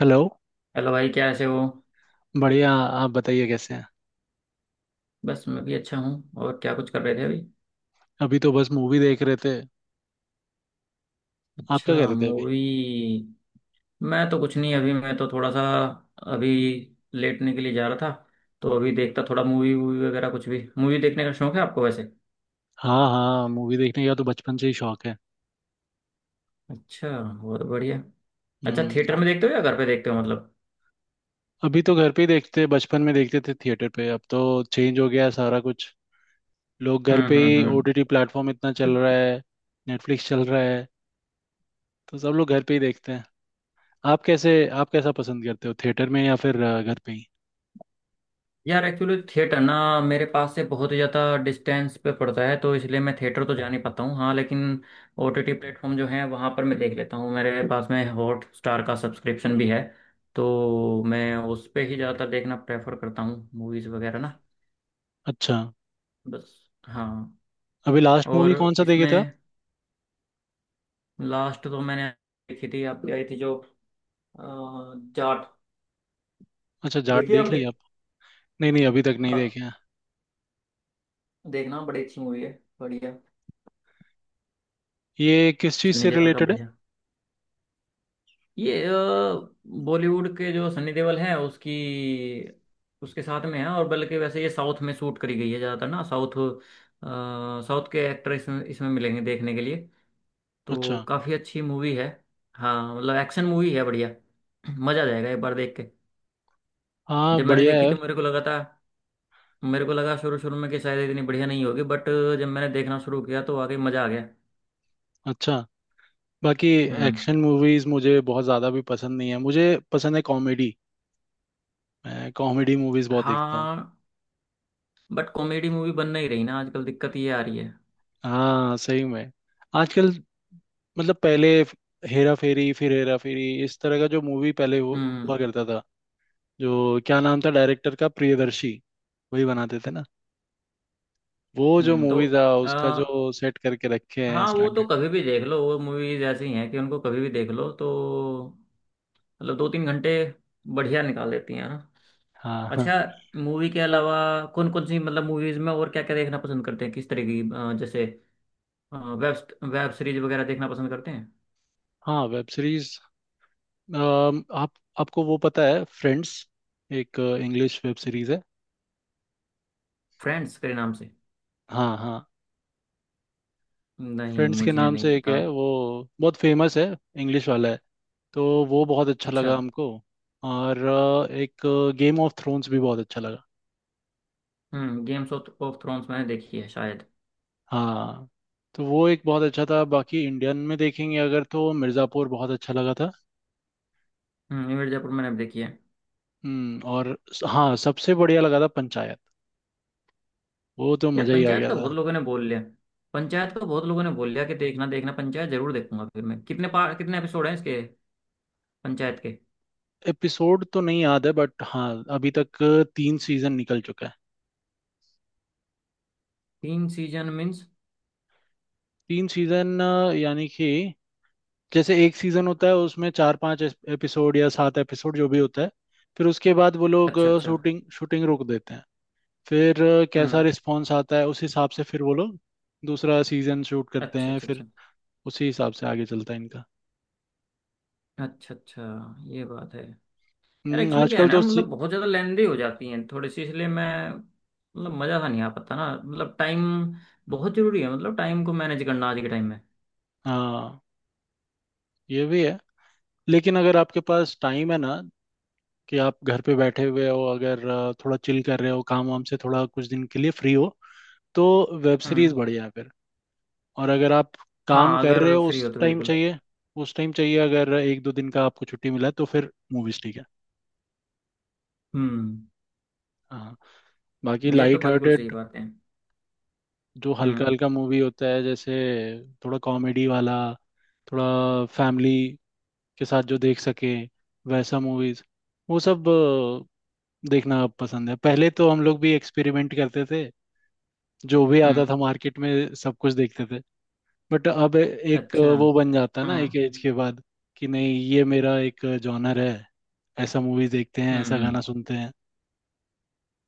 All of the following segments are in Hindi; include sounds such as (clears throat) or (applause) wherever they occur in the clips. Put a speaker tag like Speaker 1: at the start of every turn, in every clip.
Speaker 1: हेलो।
Speaker 2: हेलो भाई, क्या ऐसे हो।
Speaker 1: बढ़िया, आप बताइए कैसे हैं।
Speaker 2: बस, मैं भी अच्छा हूँ। और क्या कुछ कर रहे थे अभी।
Speaker 1: अभी तो बस मूवी देख रहे थे। आप क्या कर
Speaker 2: अच्छा,
Speaker 1: रहे थे अभी?
Speaker 2: मूवी। मैं तो कुछ नहीं, अभी मैं तो थोड़ा सा अभी लेटने के लिए जा रहा था। तो अभी देखता थोड़ा मूवी वूवी वगैरह कुछ भी। मूवी देखने का शौक है आपको वैसे?
Speaker 1: हाँ हाँ, मूवी देखने का तो बचपन से ही शौक है।
Speaker 2: अच्छा, बहुत बढ़िया। अच्छा,
Speaker 1: हम्म।
Speaker 2: थिएटर में देखते हो या घर पे देखते हो मतलब?
Speaker 1: अभी तो घर पे ही देखते, बचपन में देखते थे थिएटर पे, अब तो चेंज हो गया है सारा कुछ। लोग घर पे ही,
Speaker 2: हम्म।
Speaker 1: ओटीटी प्लेटफॉर्म इतना चल रहा है, नेटफ्लिक्स चल रहा है, तो सब लोग घर पे ही देखते हैं। आप कैसे आप कैसा पसंद करते हो, थिएटर में या फिर घर पे ही?
Speaker 2: यार, एक्चुअली थिएटर ना, मेरे पास से बहुत ही ज़्यादा डिस्टेंस पे पड़ता है, तो इसलिए मैं थिएटर तो जा नहीं पाता हूँ, हाँ, लेकिन ओटीटी प्लेटफॉर्म जो है वहाँ पर मैं देख लेता हूँ। मेरे पास में हॉट स्टार का सब्सक्रिप्शन भी है। तो मैं उस पे ही ज़्यादातर देखना प्रेफर करता हूँ मूवीज़ वगैरह ना।
Speaker 1: अच्छा।
Speaker 2: बस। हाँ।
Speaker 1: अभी लास्ट मूवी
Speaker 2: और
Speaker 1: कौन सा देखे थे आप?
Speaker 2: इसमें लास्ट तो मैंने देखी थी, आपकी आई थी जो अ, जाट।
Speaker 1: अच्छा, जाट
Speaker 2: देखी
Speaker 1: देख
Speaker 2: आपने?
Speaker 1: लिया आप? नहीं नहीं, अभी तक नहीं
Speaker 2: हाँ।
Speaker 1: देखे हैं।
Speaker 2: देखना, बड़ी अच्छी मूवी है। बढ़िया।
Speaker 1: ये किस चीज़
Speaker 2: सन्नी
Speaker 1: से
Speaker 2: देओल का,
Speaker 1: रिलेटेड है?
Speaker 2: बढ़िया। ये बॉलीवुड के जो सनी देओल हैं उसकी उसके साथ में है। और बल्कि वैसे ये साउथ में शूट करी गई है ज़्यादातर ना। साउथ साउथ के एक्टर इसमें इसमें मिलेंगे देखने के लिए।
Speaker 1: अच्छा।
Speaker 2: तो काफ़ी अच्छी मूवी है। हाँ, मतलब एक्शन मूवी है, बढ़िया। मज़ा आ जाएगा एक बार देख के।
Speaker 1: हाँ,
Speaker 2: जब मैंने
Speaker 1: बढ़िया
Speaker 2: देखी
Speaker 1: है।
Speaker 2: तो मेरे को लगा था, मेरे को लगा शुरू शुरू में कि शायद इतनी बढ़िया नहीं होगी, बट जब मैंने देखना शुरू किया तो आगे मज़ा आ गया।
Speaker 1: अच्छा। बाकी
Speaker 2: हम्म।
Speaker 1: एक्शन मूवीज मुझे बहुत ज़्यादा भी पसंद नहीं है, मुझे पसंद है कॉमेडी। मैं कॉमेडी मूवीज बहुत देखता हूँ।
Speaker 2: हाँ। बट कॉमेडी मूवी बन नहीं रही ना आजकल, दिक्कत ये आ रही है।
Speaker 1: हाँ सही में। आजकल मतलब पहले हेरा फेरी, फिर हेरा फेरी, इस तरह का जो मूवी पहले
Speaker 2: हम्म
Speaker 1: हुआ करता था। जो क्या नाम था डायरेक्टर का, प्रियदर्शी, वही बनाते थे ना। वो जो
Speaker 2: हम्म। तो
Speaker 1: मूवी था उसका
Speaker 2: आ,
Speaker 1: जो सेट करके रखे हैं
Speaker 2: हाँ, वो तो
Speaker 1: स्टैंडर्ड।
Speaker 2: कभी भी देख लो, वो मूवीज ऐसी हैं कि उनको कभी भी देख लो तो, मतलब दो तीन घंटे बढ़िया निकाल देती हैं ना।
Speaker 1: हाँ हाँ।
Speaker 2: अच्छा। मूवी के अलावा कौन कौन सी, मतलब मूवीज में और क्या क्या देखना पसंद करते हैं, किस तरह की, जैसे वेब वेब सीरीज वगैरह देखना पसंद करते हैं?
Speaker 1: हाँ, वेब सीरीज। आप आपको वो पता है फ्रेंड्स, एक इंग्लिश वेब सीरीज है।
Speaker 2: फ्रेंड्स के नाम से?
Speaker 1: हाँ हाँ,
Speaker 2: नहीं,
Speaker 1: फ्रेंड्स के
Speaker 2: मुझे
Speaker 1: नाम
Speaker 2: नहीं
Speaker 1: से एक
Speaker 2: पता।
Speaker 1: है वो, बहुत फेमस है, इंग्लिश वाला है, तो वो बहुत अच्छा
Speaker 2: अच्छा।
Speaker 1: लगा हमको। और एक गेम ऑफ थ्रोन्स भी बहुत अच्छा लगा।
Speaker 2: हम्म, गेम्स ऑफ ऑफ थ्रोन्स मैंने देखी है शायद।
Speaker 1: हाँ, तो वो एक बहुत अच्छा था। बाकी इंडियन में देखेंगे अगर तो मिर्ज़ापुर बहुत अच्छा लगा था।
Speaker 2: हम्म, रणवीर जयपुर मैंने भी देखी है।
Speaker 1: और हाँ, सबसे बढ़िया लगा था पंचायत, वो तो
Speaker 2: यार,
Speaker 1: मज़ा ही आ
Speaker 2: पंचायत
Speaker 1: गया
Speaker 2: का
Speaker 1: था।
Speaker 2: बहुत लोगों ने बोल लिया। पंचायत का बहुत लोगों ने बोल लिया कि देखना देखना, पंचायत जरूर देखूंगा। फिर मैं कितने एपिसोड हैं इसके? पंचायत के।
Speaker 1: एपिसोड तो नहीं याद है बट हाँ, अभी तक तीन सीज़न निकल चुका है।
Speaker 2: तीन सीजन मीन्स?
Speaker 1: तीन सीज़न, यानी कि जैसे एक सीजन होता है उसमें चार पांच एपिसोड या सात एपिसोड जो भी होता है, फिर उसके बाद वो लोग
Speaker 2: अच्छा, अच्छा।
Speaker 1: शूटिंग शूटिंग रोक देते हैं। फिर कैसा
Speaker 2: हम्म।
Speaker 1: रिस्पॉन्स आता है उस हिसाब से फिर वो लोग दूसरा सीजन शूट करते
Speaker 2: अच्छा,
Speaker 1: हैं,
Speaker 2: अच्छा,
Speaker 1: फिर
Speaker 2: अच्छा।
Speaker 1: उसी हिसाब से आगे चलता है इनका।
Speaker 2: अच्छा, अच्छा। ये बात है। यार,
Speaker 1: हम्म,
Speaker 2: एक्चुअली क्या है
Speaker 1: आजकल
Speaker 2: ना,
Speaker 1: तो सी...
Speaker 2: मतलब बहुत ज़्यादा लेंदी हो जाती हैं थोड़ी सी, इसलिए मैं मतलब मज़ा सा नहीं आ पाता ना। मतलब टाइम बहुत ज़रूरी है, मतलब टाइम को मैनेज करना आज के टाइम में।
Speaker 1: हाँ, ये भी है। लेकिन अगर आपके पास टाइम है ना, कि आप घर पे बैठे हुए हो, अगर थोड़ा चिल कर रहे हो, काम वाम से थोड़ा कुछ दिन के लिए फ्री हो, तो वेब सीरीज
Speaker 2: हम्म।
Speaker 1: बढ़िया है। और अगर आप काम
Speaker 2: हाँ,
Speaker 1: कर रहे
Speaker 2: अगर
Speaker 1: हो
Speaker 2: फ्री हो
Speaker 1: उस
Speaker 2: तो
Speaker 1: टाइम
Speaker 2: बिल्कुल।
Speaker 1: चाहिए, उस टाइम चाहिए अगर एक दो दिन का आपको छुट्टी मिला है, तो फिर मूवीज ठीक है।
Speaker 2: हम्म।
Speaker 1: हाँ। बाकी
Speaker 2: ये तो
Speaker 1: लाइट
Speaker 2: बिल्कुल सही
Speaker 1: हार्टेड,
Speaker 2: बात है।
Speaker 1: जो हल्का
Speaker 2: हम्म
Speaker 1: हल्का मूवी होता है, जैसे थोड़ा कॉमेडी वाला, थोड़ा फैमिली के साथ जो देख सके, वैसा मूवीज वो सब देखना पसंद है। पहले तो हम लोग भी एक्सपेरिमेंट करते थे, जो भी आता
Speaker 2: हम्म।
Speaker 1: था मार्केट में सब कुछ देखते थे, बट अब एक
Speaker 2: अच्छा।
Speaker 1: वो बन जाता है
Speaker 2: हाँ।
Speaker 1: ना एक एज के बाद, कि नहीं ये मेरा एक जॉनर है, ऐसा मूवीज देखते हैं, ऐसा गाना
Speaker 2: हम्म।
Speaker 1: सुनते हैं,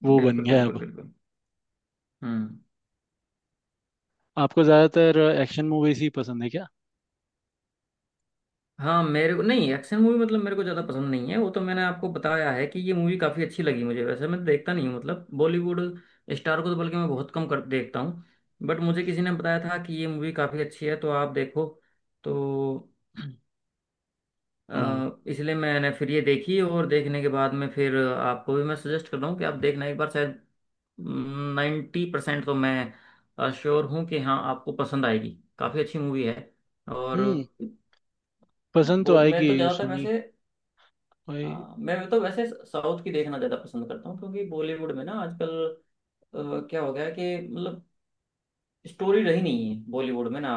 Speaker 1: वो बन
Speaker 2: बिल्कुल,
Speaker 1: गया है
Speaker 2: बिल्कुल,
Speaker 1: अब।
Speaker 2: बिल्कुल। हम्म।
Speaker 1: आपको ज्यादातर एक्शन मूवीज ही पसंद है क्या?
Speaker 2: हाँ, मेरे को नहीं, एक्शन मूवी मतलब मेरे को ज़्यादा पसंद नहीं है। वो तो मैंने आपको बताया है कि ये मूवी काफ़ी अच्छी लगी मुझे, वैसे मैं तो देखता नहीं हूँ मतलब बॉलीवुड स्टार को तो, बल्कि मैं बहुत कम कर देखता हूँ। बट मुझे किसी ने बताया था कि ये मूवी काफ़ी अच्छी है, तो आप देखो। तो
Speaker 1: ओ।
Speaker 2: इसलिए मैंने फिर ये देखी, और देखने के बाद में फिर आपको भी मैं सजेस्ट कर रहा हूँ कि आप देखना एक बार शायद। 90% तो मैं श्योर हूँ कि हाँ, आपको पसंद आएगी। काफ़ी अच्छी मूवी है। और
Speaker 1: हम्म, पसंद तो
Speaker 2: बोल, मैं
Speaker 1: आएगी।
Speaker 2: तो ज़्यादातर
Speaker 1: सनी
Speaker 2: वैसे।
Speaker 1: भाई।
Speaker 2: हाँ, मैं तो वैसे साउथ की देखना ज़्यादा पसंद करता हूँ क्योंकि बॉलीवुड में ना आजकल क्या हो गया है कि मतलब स्टोरी रही नहीं है बॉलीवुड में ना।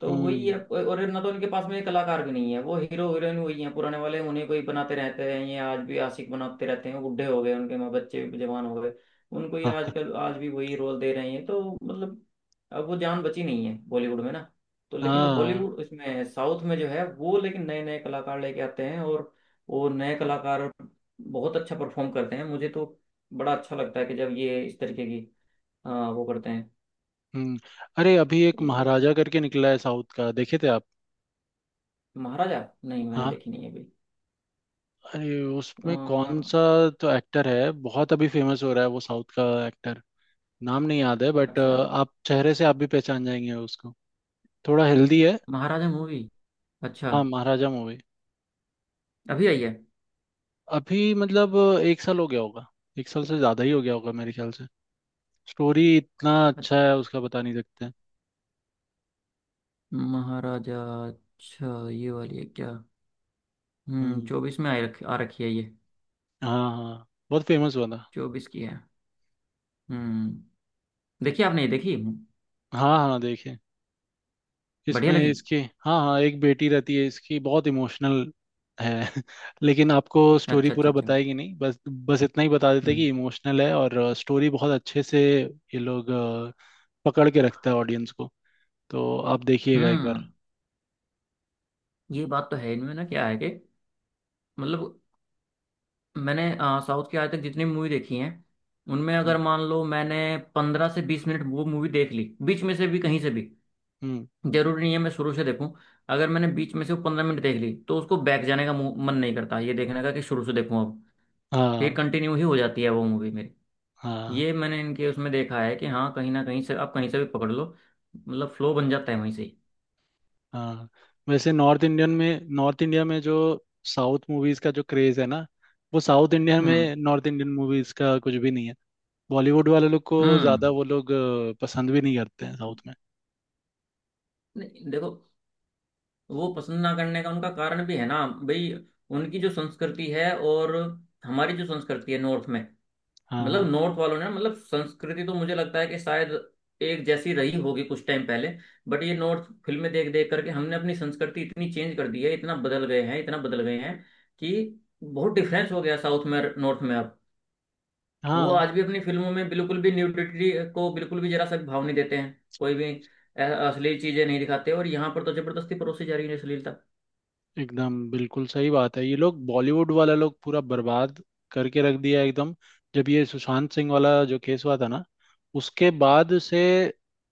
Speaker 2: तो वही
Speaker 1: हम्म।
Speaker 2: है, और ना तो उनके पास में कलाकार भी नहीं है। वो हीरो हीरोइन वही है, पुराने वाले, उन्हें कोई बनाते रहते हैं, ये आज भी आशिक बनाते रहते हैं, बुढ़े हो गए, उनके माँ बच्चे भी जवान हो गए। उनको ये
Speaker 1: हाँ
Speaker 2: आजकल आज भी वही रोल दे रहे हैं तो मतलब। अब वो जान बची नहीं है बॉलीवुड में ना, तो लेकिन
Speaker 1: हाँ।
Speaker 2: हॉलीवुड इसमें साउथ में जो है वो, लेकिन नए नए कलाकार लेके आते हैं, और वो नए कलाकार बहुत अच्छा परफॉर्म करते हैं, मुझे तो बड़ा अच्छा लगता है कि जब ये इस तरीके की वो करते हैं।
Speaker 1: हम्म। अरे अभी एक
Speaker 2: ये
Speaker 1: महाराजा करके निकला है साउथ का, देखे थे आप?
Speaker 2: महाराजा? नहीं, मैंने
Speaker 1: हाँ,
Speaker 2: देखी नहीं है।
Speaker 1: अरे उसमें कौन
Speaker 2: अभी।
Speaker 1: सा तो एक्टर है, बहुत अभी फेमस हो रहा है वो साउथ का एक्टर, नाम नहीं याद है बट
Speaker 2: अच्छा।
Speaker 1: आप चेहरे से आप भी पहचान जाएंगे उसको, थोड़ा हेल्दी है।
Speaker 2: महाराजा मूवी। अच्छा।
Speaker 1: हाँ, महाराजा मूवी।
Speaker 2: अभी आई है?
Speaker 1: अभी मतलब एक साल हो गया होगा, एक साल से ज़्यादा ही हो गया होगा मेरे ख्याल से। स्टोरी इतना
Speaker 2: अ-
Speaker 1: अच्छा है उसका, बता नहीं सकते।
Speaker 2: महाराजा, अच्छा, ये वाली है क्या? हम्म,
Speaker 1: हम्म।
Speaker 2: चौबीस में आ रखी है ये।
Speaker 1: हाँ हाँ, बहुत फेमस हुआ था।
Speaker 2: चौबीस की है। हम्म। देखी आपने, ये देखी?
Speaker 1: हाँ हाँ, देखिए।
Speaker 2: बढ़िया
Speaker 1: इसमें
Speaker 2: लगी?
Speaker 1: इसकी, हाँ हाँ, एक बेटी रहती है इसकी, बहुत इमोशनल है (laughs) लेकिन आपको स्टोरी
Speaker 2: अच्छा,
Speaker 1: पूरा
Speaker 2: अच्छा, अच्छा।
Speaker 1: बताएगी नहीं, बस बस इतना ही बता देते हैं
Speaker 2: हम्म
Speaker 1: कि इमोशनल है और स्टोरी बहुत अच्छे से ये लोग पकड़ के रखता है ऑडियंस को, तो आप देखिएगा एक
Speaker 2: हम्म।
Speaker 1: बार।
Speaker 2: ये बात तो है इनमें ना, क्या है कि मतलब मैंने साउथ की आज तक जितनी मूवी देखी हैं, उनमें
Speaker 1: हम्म।
Speaker 2: अगर मान लो मैंने पंद्रह से बीस मिनट वो मूवी देख ली बीच में से भी, कहीं से भी।
Speaker 1: हम्म,
Speaker 2: जरूरी नहीं है मैं शुरू से देखूं। अगर मैंने बीच में से वो 15 मिनट देख ली तो उसको बैक जाने का मन नहीं करता, ये देखने का कि शुरू से देखूं अब। तो ये
Speaker 1: हाँ
Speaker 2: कंटिन्यू ही हो जाती है वो मूवी मेरी।
Speaker 1: हाँ
Speaker 2: ये मैंने इनके उसमें देखा है कि हाँ, कहीं ना कहीं से, आप कहीं से भी पकड़ लो, मतलब फ्लो बन जाता है वहीं से ही।
Speaker 1: हाँ। वैसे नॉर्थ इंडियन में, नॉर्थ इंडिया में जो साउथ मूवीज का जो क्रेज है ना, वो साउथ इंडिया
Speaker 2: हम्म
Speaker 1: में नॉर्थ इंडियन मूवीज का कुछ भी नहीं है। बॉलीवुड वाले लोग को
Speaker 2: हम्म।
Speaker 1: ज्यादा वो लोग पसंद भी नहीं करते हैं साउथ में।
Speaker 2: नहीं, देखो, वो पसंद ना करने का उनका कारण भी है ना भाई। उनकी जो संस्कृति है, और हमारी जो संस्कृति है नॉर्थ में, मतलब
Speaker 1: हाँ
Speaker 2: नॉर्थ वालों ने मतलब संस्कृति, तो मुझे लगता है कि शायद एक जैसी रही होगी कुछ टाइम पहले। बट ये नॉर्थ फिल्में देख देख करके हमने अपनी संस्कृति इतनी चेंज कर दी है, इतना बदल गए हैं, इतना बदल गए हैं कि बहुत डिफरेंस हो गया साउथ में नॉर्थ में अब। वो
Speaker 1: हाँ,
Speaker 2: आज भी अपनी फिल्मों में बिल्कुल भी न्यूडिटी को बिल्कुल भी जरा सा भी भाव नहीं देते हैं कोई भी अ- असली चीजें नहीं दिखाते, और यहाँ पर तो जबरदस्ती परोसी जा रही है अश्लीलता।
Speaker 1: एकदम बिल्कुल सही बात है, ये लोग बॉलीवुड वाला लोग पूरा बर्बाद करके रख दिया है एकदम। जब ये सुशांत सिंह वाला जो केस हुआ था ना, उसके बाद से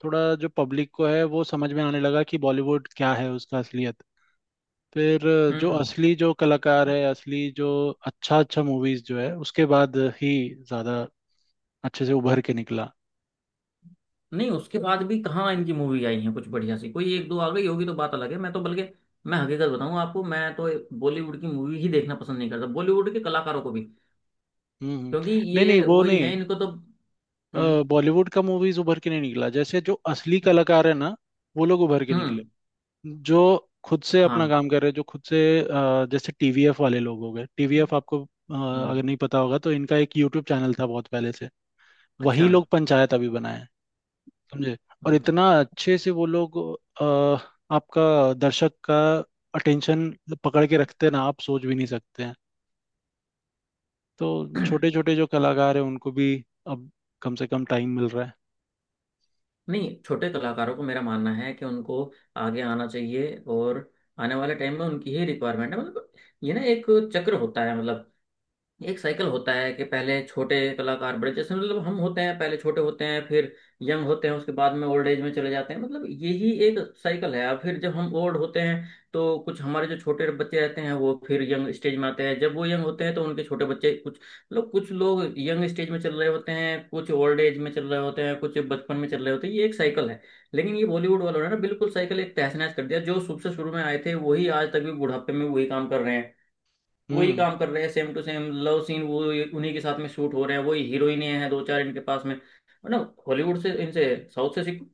Speaker 1: थोड़ा जो पब्लिक को है वो समझ में आने लगा कि बॉलीवुड क्या है, उसका असलियत। फिर जो
Speaker 2: हम्म।
Speaker 1: असली जो कलाकार है, असली जो अच्छा अच्छा मूवीज जो है, उसके बाद ही ज्यादा अच्छे से उभर के निकला।
Speaker 2: नहीं, उसके बाद भी कहाँ इनकी मूवी आई है कुछ बढ़िया सी? कोई एक दो आ गई होगी तो बात अलग है, मैं तो बल्कि मैं हकीकत बताऊं आपको, मैं तो बॉलीवुड की मूवी ही देखना पसंद नहीं करता, बॉलीवुड के कलाकारों को भी,
Speaker 1: हम्म। हम्म।
Speaker 2: क्योंकि
Speaker 1: नहीं नहीं,
Speaker 2: ये
Speaker 1: वो
Speaker 2: वही
Speaker 1: नहीं,
Speaker 2: है इनको तो। हम्म
Speaker 1: बॉलीवुड का मूवीज उभर के नहीं निकला, जैसे जो असली कलाकार है ना वो लोग उभर के निकले,
Speaker 2: हम्म।
Speaker 1: जो खुद से
Speaker 2: हाँ।
Speaker 1: अपना काम कर रहे हैं, जो खुद से जैसे टीवीएफ वाले लोग हो गए। टीवीएफ आपको अगर
Speaker 2: हम्म।
Speaker 1: नहीं पता होगा, तो इनका एक यूट्यूब चैनल था बहुत पहले से,
Speaker 2: अच्छा।
Speaker 1: वही लोग पंचायत अभी बनाए हैं, समझे। और
Speaker 2: हम्म।
Speaker 1: इतना अच्छे से वो लोग अ, आपका, दर्शक का अटेंशन पकड़ के रखते हैं ना, आप सोच भी नहीं सकते हैं। तो छोटे
Speaker 2: (clears throat)
Speaker 1: छोटे जो कलाकार हैं उनको भी अब कम से कम टाइम मिल रहा है।
Speaker 2: नहीं, छोटे कलाकारों को मेरा मानना है कि उनको आगे आना चाहिए, और आने वाले टाइम में उनकी ही रिक्वायरमेंट है मतलब। ये ना एक चक्र होता है, मतलब एक साइकिल होता है कि पहले छोटे कलाकार बड़े, जैसे मतलब हम होते हैं, पहले छोटे होते हैं फिर यंग होते हैं, उसके बाद में ओल्ड एज में चले जाते हैं, मतलब यही एक साइकिल है। अब फिर जब हम ओल्ड होते हैं तो कुछ हमारे जो छोटे बच्चे रहते हैं वो फिर यंग स्टेज में आते हैं, जब वो यंग होते हैं तो उनके छोटे बच्चे कुछ, मतलब कुछ लोग यंग स्टेज में चल रहे होते हैं, कुछ ओल्ड एज में चल रहे होते हैं, कुछ बचपन में चल रहे होते हैं, ये एक साइकिल है। लेकिन ये बॉलीवुड वालों ने ना बिल्कुल साइकिल एक तहस नहस कर दिया, जो शुरू से शुरू में आए थे वही आज तक भी बुढ़ापे में वही काम कर रहे हैं, वही
Speaker 1: हम्म।
Speaker 2: काम कर रहे हैं same to same love scene, वो उन्हीं के साथ में शूट हो रहे हैं, वही हीरोइनें हैं दो चार इनके पास में, मतलब हॉलीवुड से इनसे, साउथ से सीख।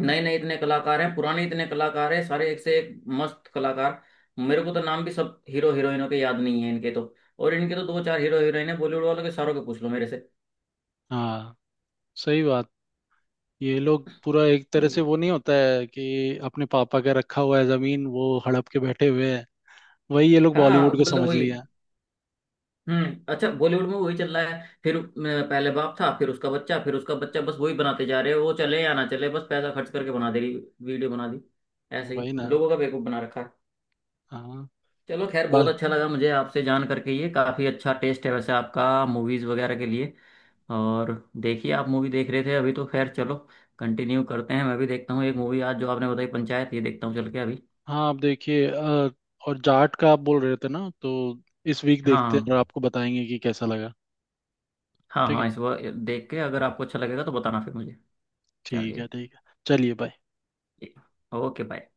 Speaker 2: नए नए इतने कलाकार हैं, पुराने इतने कलाकार हैं, सारे एक से एक मस्त कलाकार। मेरे को तो नाम भी सब हीरो हीरोइनों के याद नहीं है इनके तो। और इनके तो दो चार हीरो हीरोइन है बॉलीवुड वालों के, सारों के पूछ लो मेरे से।
Speaker 1: हाँ, सही बात। ये लोग पूरा एक तरह से,
Speaker 2: ये।
Speaker 1: वो नहीं होता है कि अपने पापा का रखा हुआ है जमीन, वो हड़प के बैठे हुए हैं, वही ये लोग
Speaker 2: हाँ,
Speaker 1: बॉलीवुड को
Speaker 2: मतलब
Speaker 1: समझ
Speaker 2: वही।
Speaker 1: लिया
Speaker 2: हम्म, अच्छा, बॉलीवुड में वही चल रहा है फिर पहले बाप था, फिर उसका बच्चा, फिर उसका बच्चा, बस वही बनाते जा रहे हैं, वो चले या ना चले, बस पैसा खर्च करके बना दे रही। वीडियो बना दी।
Speaker 1: है,
Speaker 2: ऐसे ही
Speaker 1: वही ना।
Speaker 2: लोगों का बेवकूफ बना रखा है।
Speaker 1: हाँ।
Speaker 2: चलो खैर, बहुत
Speaker 1: बस।
Speaker 2: अच्छा लगा मुझे आपसे जान करके, ये काफी अच्छा टेस्ट है वैसे आपका मूवीज वगैरह के लिए। और देखिए, आप मूवी देख रहे थे अभी तो खैर चलो, कंटिन्यू करते हैं, मैं भी देखता हूँ एक मूवी आज, जो आपने बताई पंचायत ये देखता हूँ चल के अभी।
Speaker 1: हाँ, आप देखिए, और जाट का आप बोल रहे थे ना, तो इस वीक देखते हैं और
Speaker 2: हाँ।
Speaker 1: आपको बताएंगे कि कैसा लगा।
Speaker 2: हाँ
Speaker 1: ठीक है।
Speaker 2: हाँ, इस बार देख के अगर आपको अच्छा लगेगा तो बताना फिर मुझे।
Speaker 1: ठीक है
Speaker 2: चलिए।
Speaker 1: ठीक है। चलिए, बाय।
Speaker 2: Okay, bye.